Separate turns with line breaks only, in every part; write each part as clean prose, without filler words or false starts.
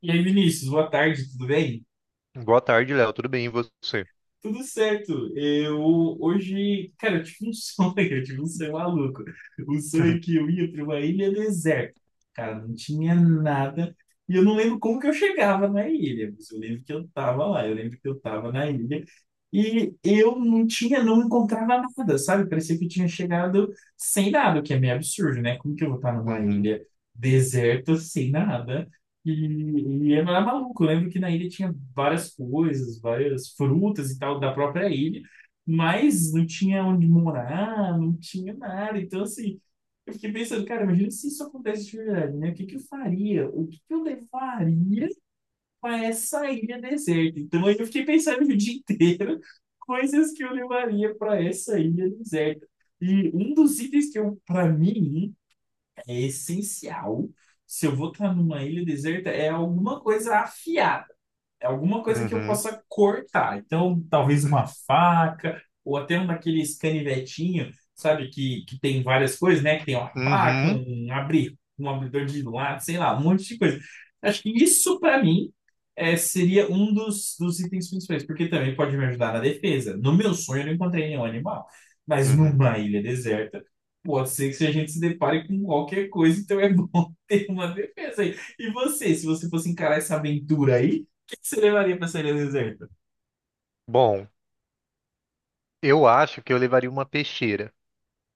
E aí, Vinícius, boa tarde, tudo bem?
Boa tarde, Léo. Tudo bem, e você?
Tudo certo. Eu hoje, cara, eu tive um sonho, eu tive um sonho maluco. Um sonho que eu ia para uma ilha deserta. Cara, não tinha nada. E eu não lembro como que eu chegava na ilha, mas eu lembro que eu tava lá, eu lembro que eu tava na ilha. E eu não tinha, não encontrava nada, sabe? Parecia que eu tinha chegado sem nada, o que é meio absurdo, né? Como que eu vou estar numa
Uhum,
ilha deserta sem nada? E era maluco. Eu lembro que na ilha tinha várias coisas, várias frutas e tal da própria ilha, mas não tinha onde morar, não tinha nada. Então, assim, eu fiquei pensando, cara, imagina se isso acontece de verdade, né? O que que eu faria? O que que eu levaria para essa ilha deserta? Então, aí eu fiquei pensando o dia inteiro coisas que eu levaria para essa ilha deserta. E um dos itens que eu, para mim, é essencial. Se eu vou estar numa ilha deserta, é alguma coisa afiada, é alguma coisa que eu
uhum,
possa cortar. Então, talvez uma faca, ou até um daqueles canivetinho, sabe, que tem várias coisas, né? Que tem uma faca,
uhum,
um, abrir, um abridor de lata, sei lá, um monte de coisa. Acho que isso, para mim, é, seria um dos, dos itens principais, porque também pode me ajudar na defesa. No meu sonho, eu não encontrei nenhum animal, mas
uhum.
numa ilha deserta. Pode ser que se a gente se depare com qualquer coisa, então é bom ter uma defesa aí. E você, se você fosse encarar essa aventura aí, que você levaria pra sereia deserta?
Bom, eu acho que eu levaria uma peixeira.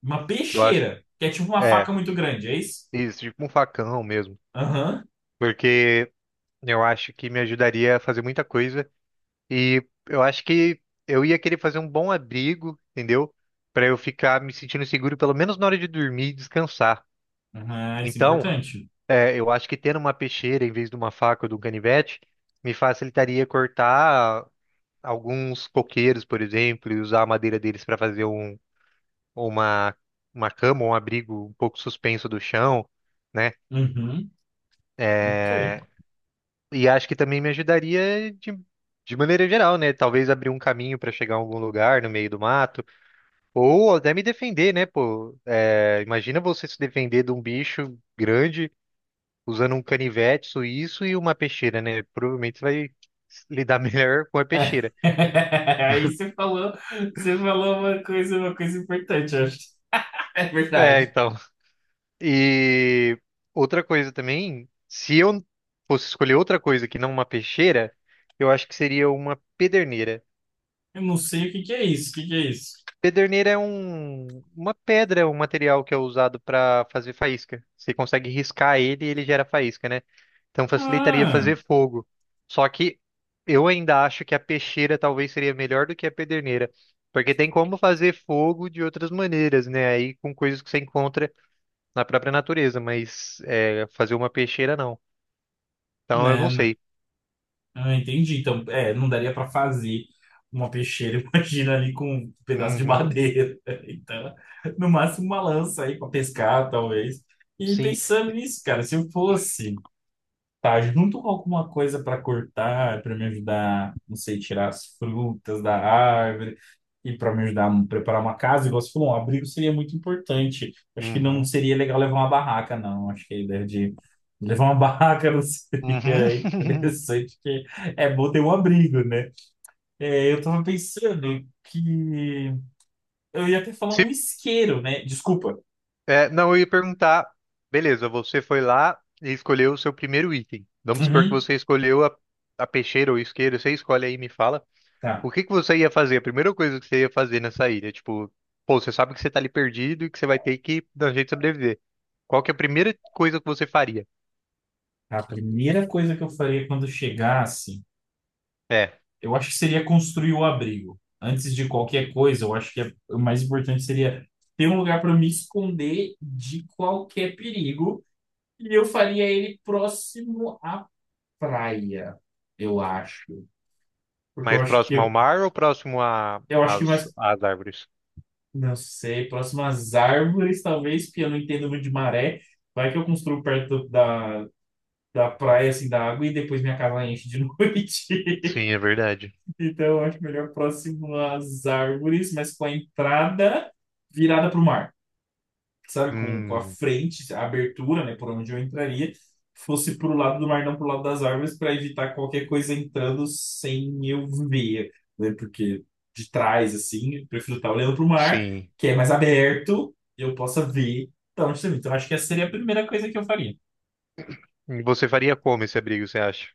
Uma
Que eu acho.
peixeira, que é tipo uma
É,
faca muito grande, é isso?
isso, tipo um facão mesmo.
Aham.
Porque eu acho que me ajudaria a fazer muita coisa. E eu acho que eu ia querer fazer um bom abrigo, entendeu? Pra eu ficar me sentindo seguro, pelo menos na hora de dormir e descansar.
Aham, isso é
Então,
importante.
eu acho que tendo uma peixeira em vez de uma faca ou de um canivete me facilitaria cortar alguns coqueiros, por exemplo, e usar a madeira deles para fazer uma, uma cama, um abrigo um pouco suspenso do chão, né?
Uhum. Ok.
É, e acho que também me ajudaria de maneira geral, né? Talvez abrir um caminho para chegar a algum lugar no meio do mato, ou até me defender, né? Pô, é, imagina você se defender de um bicho grande usando um canivete suíço e uma peixeira, né? Provavelmente você vai lidar melhor com a
É.
peixeira.
Aí você falou uma coisa importante, eu acho. É
É,
verdade.
então. E outra coisa também, se eu fosse escolher outra coisa que não uma peixeira, eu acho que seria uma pederneira.
Eu não sei o que que é isso, o que que é isso?
Pederneira é uma pedra, é um material que é usado para fazer faísca. Você consegue riscar ele e ele gera faísca, né? Então facilitaria
Ah,
fazer fogo. Só que eu ainda acho que a peixeira talvez seria melhor do que a pederneira. Porque tem como fazer fogo de outras maneiras, né? Aí com coisas que você encontra na própria natureza, mas fazer uma peixeira não. Então eu
né,
não
né.
sei.
Ah, entendi. Então, é, não daria para fazer uma peixeira, imagina ali com um pedaço de
Uhum,
madeira. Então, no máximo uma lança aí para pescar, talvez. E
sim.
pensando nisso, cara, se eu fosse, tá, junto com alguma coisa para cortar, para me ajudar, não sei, tirar as frutas da árvore e para me ajudar a preparar uma casa, igual você falou, um abrigo seria muito importante. Acho que
Uhum,
não
uhum.
seria legal levar uma barraca, não. Acho que a ideia de levar uma barraca não seria interessante, porque é bom ter um abrigo, né? É, eu tava pensando que eu ia até falar um
Se,
isqueiro, né? Desculpa.
é, não, eu ia perguntar. Beleza, você foi lá e escolheu o seu primeiro item. Vamos supor que
Uhum,
você escolheu a peixeira ou isqueiro. Você escolhe aí e me fala.
tá.
O que que você ia fazer? A primeira coisa que você ia fazer nessa ilha? Tipo, pô, você sabe que você tá ali perdido e que você vai ter que dar um jeito de sobreviver. Qual que é a primeira coisa que você faria?
A primeira coisa que eu faria quando chegasse,
É,
eu acho que seria construir o abrigo. Antes de qualquer coisa, eu acho que o mais importante seria ter um lugar para me esconder de qualquer perigo. E eu faria ele próximo à praia, eu acho. Porque
mais próximo ao mar ou próximo
eu acho que mais,
às árvores?
não sei, próximo às árvores, talvez, porque eu não entendo muito de maré. Vai que eu construo perto da, da praia, assim, da água, e depois minha casa enche de noite.
Sim, é verdade.
Então, eu acho melhor próximo às árvores, mas com a entrada virada para o mar, sabe? Com a
Hum,
frente, a abertura, né, por onde eu entraria, fosse para o lado do mar, não para o lado das árvores, para evitar qualquer coisa entrando sem eu ver, né? Porque de trás, assim, eu prefiro estar olhando para o mar,
sim.
que é mais aberto, e eu possa ver de onde está vindo. Então, acho que essa seria a primeira coisa que eu faria.
E você faria como esse abrigo, você acha?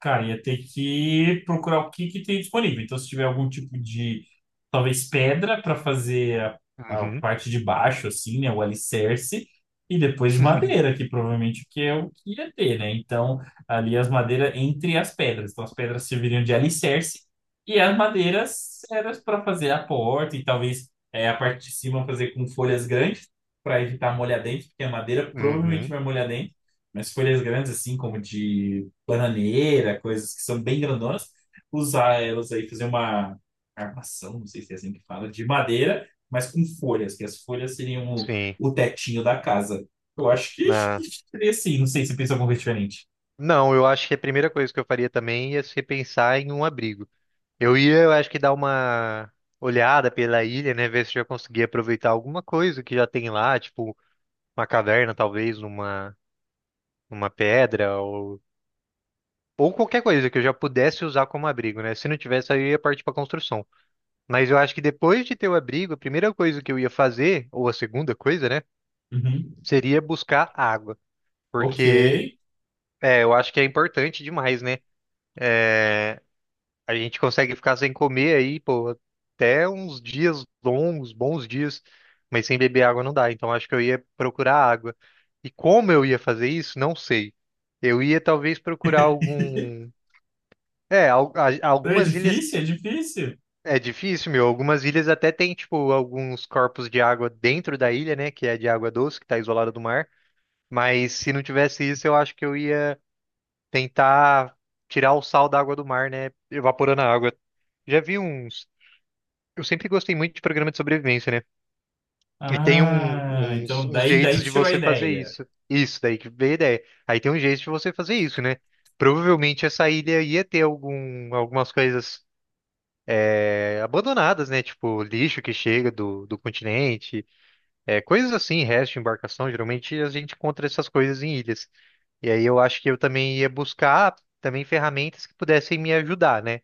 Cara, ia ter que procurar o que que tem disponível. Então, se tiver algum tipo de, talvez, pedra para fazer a
Uhum.
parte de baixo, assim, né? O alicerce. E depois madeira, que provavelmente que é o que ia ter, né? Então, ali as madeiras entre as pedras. Então, as pedras serviriam de alicerce e as madeiras eram para fazer a porta e talvez é, a parte de cima fazer com folhas grandes para evitar molhar dentro, porque a madeira provavelmente
Uhum.
vai molhar dentro. Mas folhas grandes, assim, como de bananeira, coisas que são bem grandonas, usar elas aí, fazer uma armação, não sei se é assim que fala, de madeira, mas com folhas, que as folhas seriam
Sim.
o tetinho da casa. Eu acho que
Ah.
seria assim, não sei se pensa alguma coisa diferente.
Não, eu acho que a primeira coisa que eu faria também ia ser pensar em um abrigo. Eu acho que dar uma olhada pela ilha, né? Ver se eu já conseguia aproveitar alguma coisa que já tem lá, tipo uma caverna, talvez, uma pedra ou qualquer coisa que eu já pudesse usar como abrigo, né? Se não tivesse, aí eu ia partir para construção. Mas eu acho que depois de ter o abrigo, a primeira coisa que eu ia fazer, ou a segunda coisa, né?
Uhum.
Seria buscar água.
Ok.
Porque eu acho que é importante demais, né? A gente consegue ficar sem comer aí, pô, até uns dias longos, bons dias, mas sem beber água não dá. Então acho que eu ia procurar água. E como eu ia fazer isso, não sei. Eu ia talvez procurar algum. É,
É
algumas ilhas.
difícil, é difícil.
É difícil, meu. Algumas ilhas até tem, tipo, alguns corpos de água dentro da ilha, né? Que é de água doce, que tá isolada do mar. Mas se não tivesse isso, eu acho que eu ia tentar tirar o sal da água do mar, né? Evaporando a água. Já vi uns. Eu sempre gostei muito de programa de sobrevivência, né? E tem
Ah,
uns,
então
uns
daí, daí
jeitos
que
de
tirou a
você fazer
ideia.
isso. Isso daí, que veio a ideia. Aí tem um jeito de você fazer isso, né? Provavelmente essa ilha ia ter algumas coisas abandonadas, né? Tipo, lixo que chega do continente, é, coisas assim, resto de embarcação. Geralmente a gente encontra essas coisas em ilhas. E aí eu acho que eu também ia buscar também ferramentas que pudessem me ajudar, né?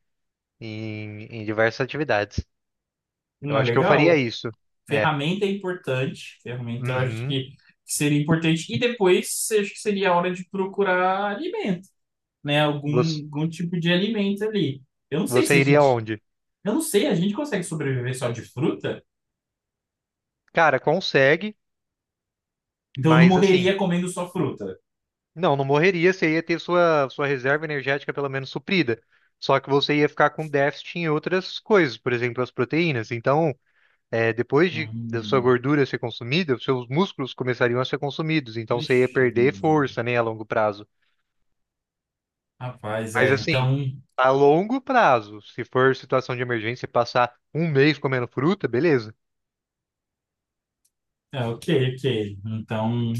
em diversas atividades.
Não
Eu
é
acho que eu faria
legal?
isso. É.
Ferramenta é importante. Ferramenta eu acho
Uhum.
que seria importante. E depois acho que seria a hora de procurar alimento, né? Algum,
Você,
algum tipo de alimento ali. Eu não sei
você
se a
iria
gente.
onde?
Eu não sei, a gente consegue sobreviver só de fruta?
Cara, consegue,
Então eu não
mas assim,
morreria comendo só fruta.
não, não morreria, você ia ter sua reserva energética pelo menos suprida. Só que você ia ficar com déficit em outras coisas, por exemplo, as proteínas. Então, depois da sua
Hum,
gordura ser consumida, os seus músculos começariam a ser consumidos. Então, você ia
ixi,
perder
hum.
força, né, a longo prazo.
Rapaz,
Mas
é.
assim,
Então.
a longo prazo, se for situação de emergência, e passar um mês comendo fruta, beleza.
É, ok, ok. Então.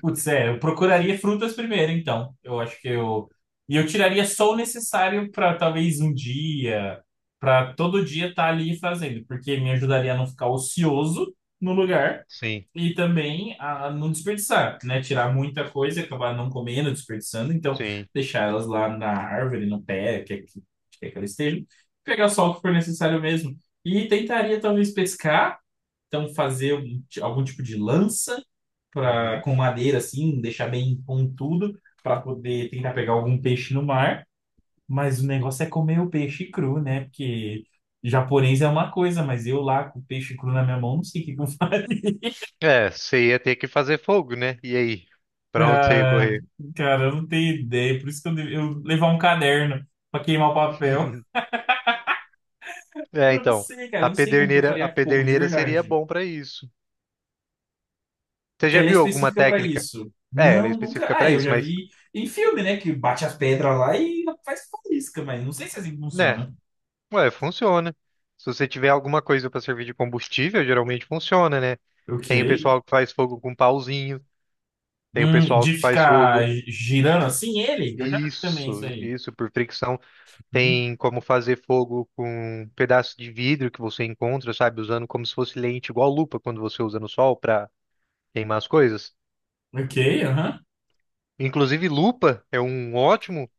Putz, é, eu procuraria frutas primeiro, então. Eu acho que eu. E eu tiraria só o necessário para talvez um dia, para todo dia estar ali fazendo, porque me ajudaria a não ficar ocioso no lugar
Sim,
e também a não desperdiçar, né? Tirar muita coisa e acabar não comendo, desperdiçando. Então,
sim.
deixar elas lá na árvore, no pé, que, é que elas estejam. Pegar só o que for necessário mesmo. E tentaria talvez pescar, então fazer um- algum tipo de lança pra,
Uhum.
com madeira assim, deixar bem pontudo para poder tentar pegar algum peixe no mar. Mas o negócio é comer o peixe cru, né? Porque japonês é uma coisa, mas eu lá com o peixe cru na minha mão, não sei o que que eu faria.
É, você ia ter que fazer fogo, né? E aí? Pra onde você ia
Ah,
correr?
cara, eu não tenho ideia. Por isso que eu, eu levar um caderno para queimar o papel.
É,
Eu não
então,
sei, cara, eu não sei como que eu
a
faria fogo, de
pederneira seria
verdade.
bom pra isso. Você
Porque
já
ela é
viu alguma
específica para
técnica?
isso.
É, ela é
Não, nunca.
específica
Ah,
pra
eu
isso,
já
mas,
vi em filme, né? Que bate as pedras lá e faz faísca, mas não sei se é assim
né?
funciona.
Ué, funciona. Se você tiver alguma coisa pra servir de combustível, geralmente funciona, né?
Ok.
Tem o pessoal que faz fogo com pauzinho, tem o pessoal
De
que faz
ficar
fogo.
girando assim ele? Eu já vi também isso
Isso,
aí.
isso, por fricção.
Uhum.
Tem como fazer fogo com um pedaço de vidro que você encontra, sabe? Usando como se fosse lente, igual lupa quando você usa no sol para queimar as coisas.
Ok, aham.
Inclusive, lupa é um ótimo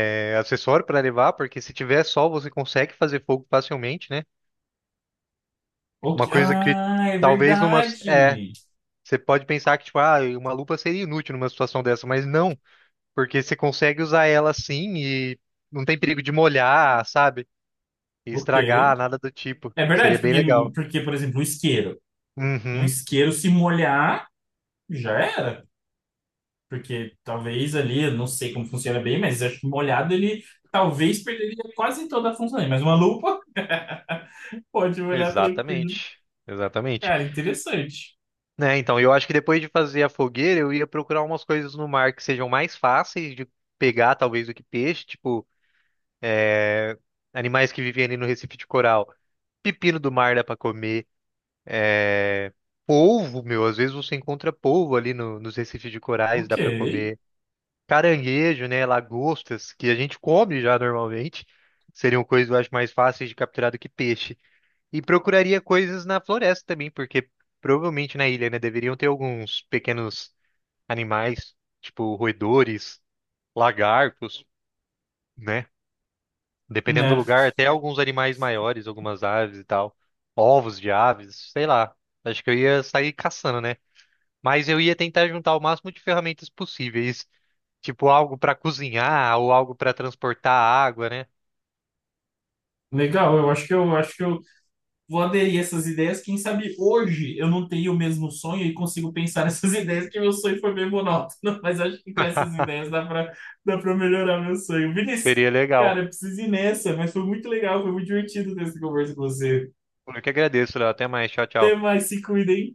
acessório para levar, porque se tiver sol você consegue fazer fogo facilmente, né? Uma
Ok.
coisa que
Ah, é
talvez numa. É,
verdade.
você pode pensar que, tipo, ah, uma lupa seria inútil numa situação dessa, mas não, porque você consegue usar ela assim e não tem perigo de molhar, sabe? E
Ok.
estragar, nada do tipo.
É
Seria
verdade,
bem
porque,
legal.
porque, por exemplo, o isqueiro. Um
Uhum,
isqueiro se molhar, já era. Porque talvez ali, eu não sei como funciona bem, mas acho que molhado ele talvez perderia quase toda a função dele. Mas uma lupa pode molhar tranquilo.
exatamente. Exatamente.
Cara, interessante.
Né, então, eu acho que depois de fazer a fogueira, eu ia procurar umas coisas no mar que sejam mais fáceis de pegar, talvez, do que peixe, tipo, animais que vivem ali no Recife de Coral. Pepino do mar dá pra comer. É... Polvo, meu, às vezes você encontra polvo ali nos recifes de corais,
Ok.
dá pra comer. Caranguejo, né, lagostas, que a gente come já normalmente, seriam coisas, eu acho, mais fáceis de capturar do que peixe. E procuraria coisas na floresta também, porque provavelmente na ilha, né, deveriam ter alguns pequenos animais, tipo roedores, lagartos, né? Dependendo do
Né?
lugar, até alguns animais maiores, algumas aves e tal, ovos de aves, sei lá. Acho que eu ia sair caçando, né? Mas eu ia tentar juntar o máximo de ferramentas possíveis, tipo algo para cozinhar ou algo para transportar água, né?
Legal, eu acho que eu vou aderir a essas ideias. Quem sabe hoje eu não tenho o mesmo sonho e consigo pensar nessas ideias, que meu sonho foi bem monótono. Mas acho que com essas ideias dá para melhorar meu sonho. Vinícius,
Seria
cara,
legal.
eu preciso ir nessa, mas foi muito legal, foi muito divertido ter essa conversa com você.
Eu que agradeço, Léo. Até mais. Tchau,
Até
tchau.
mais, se cuidem.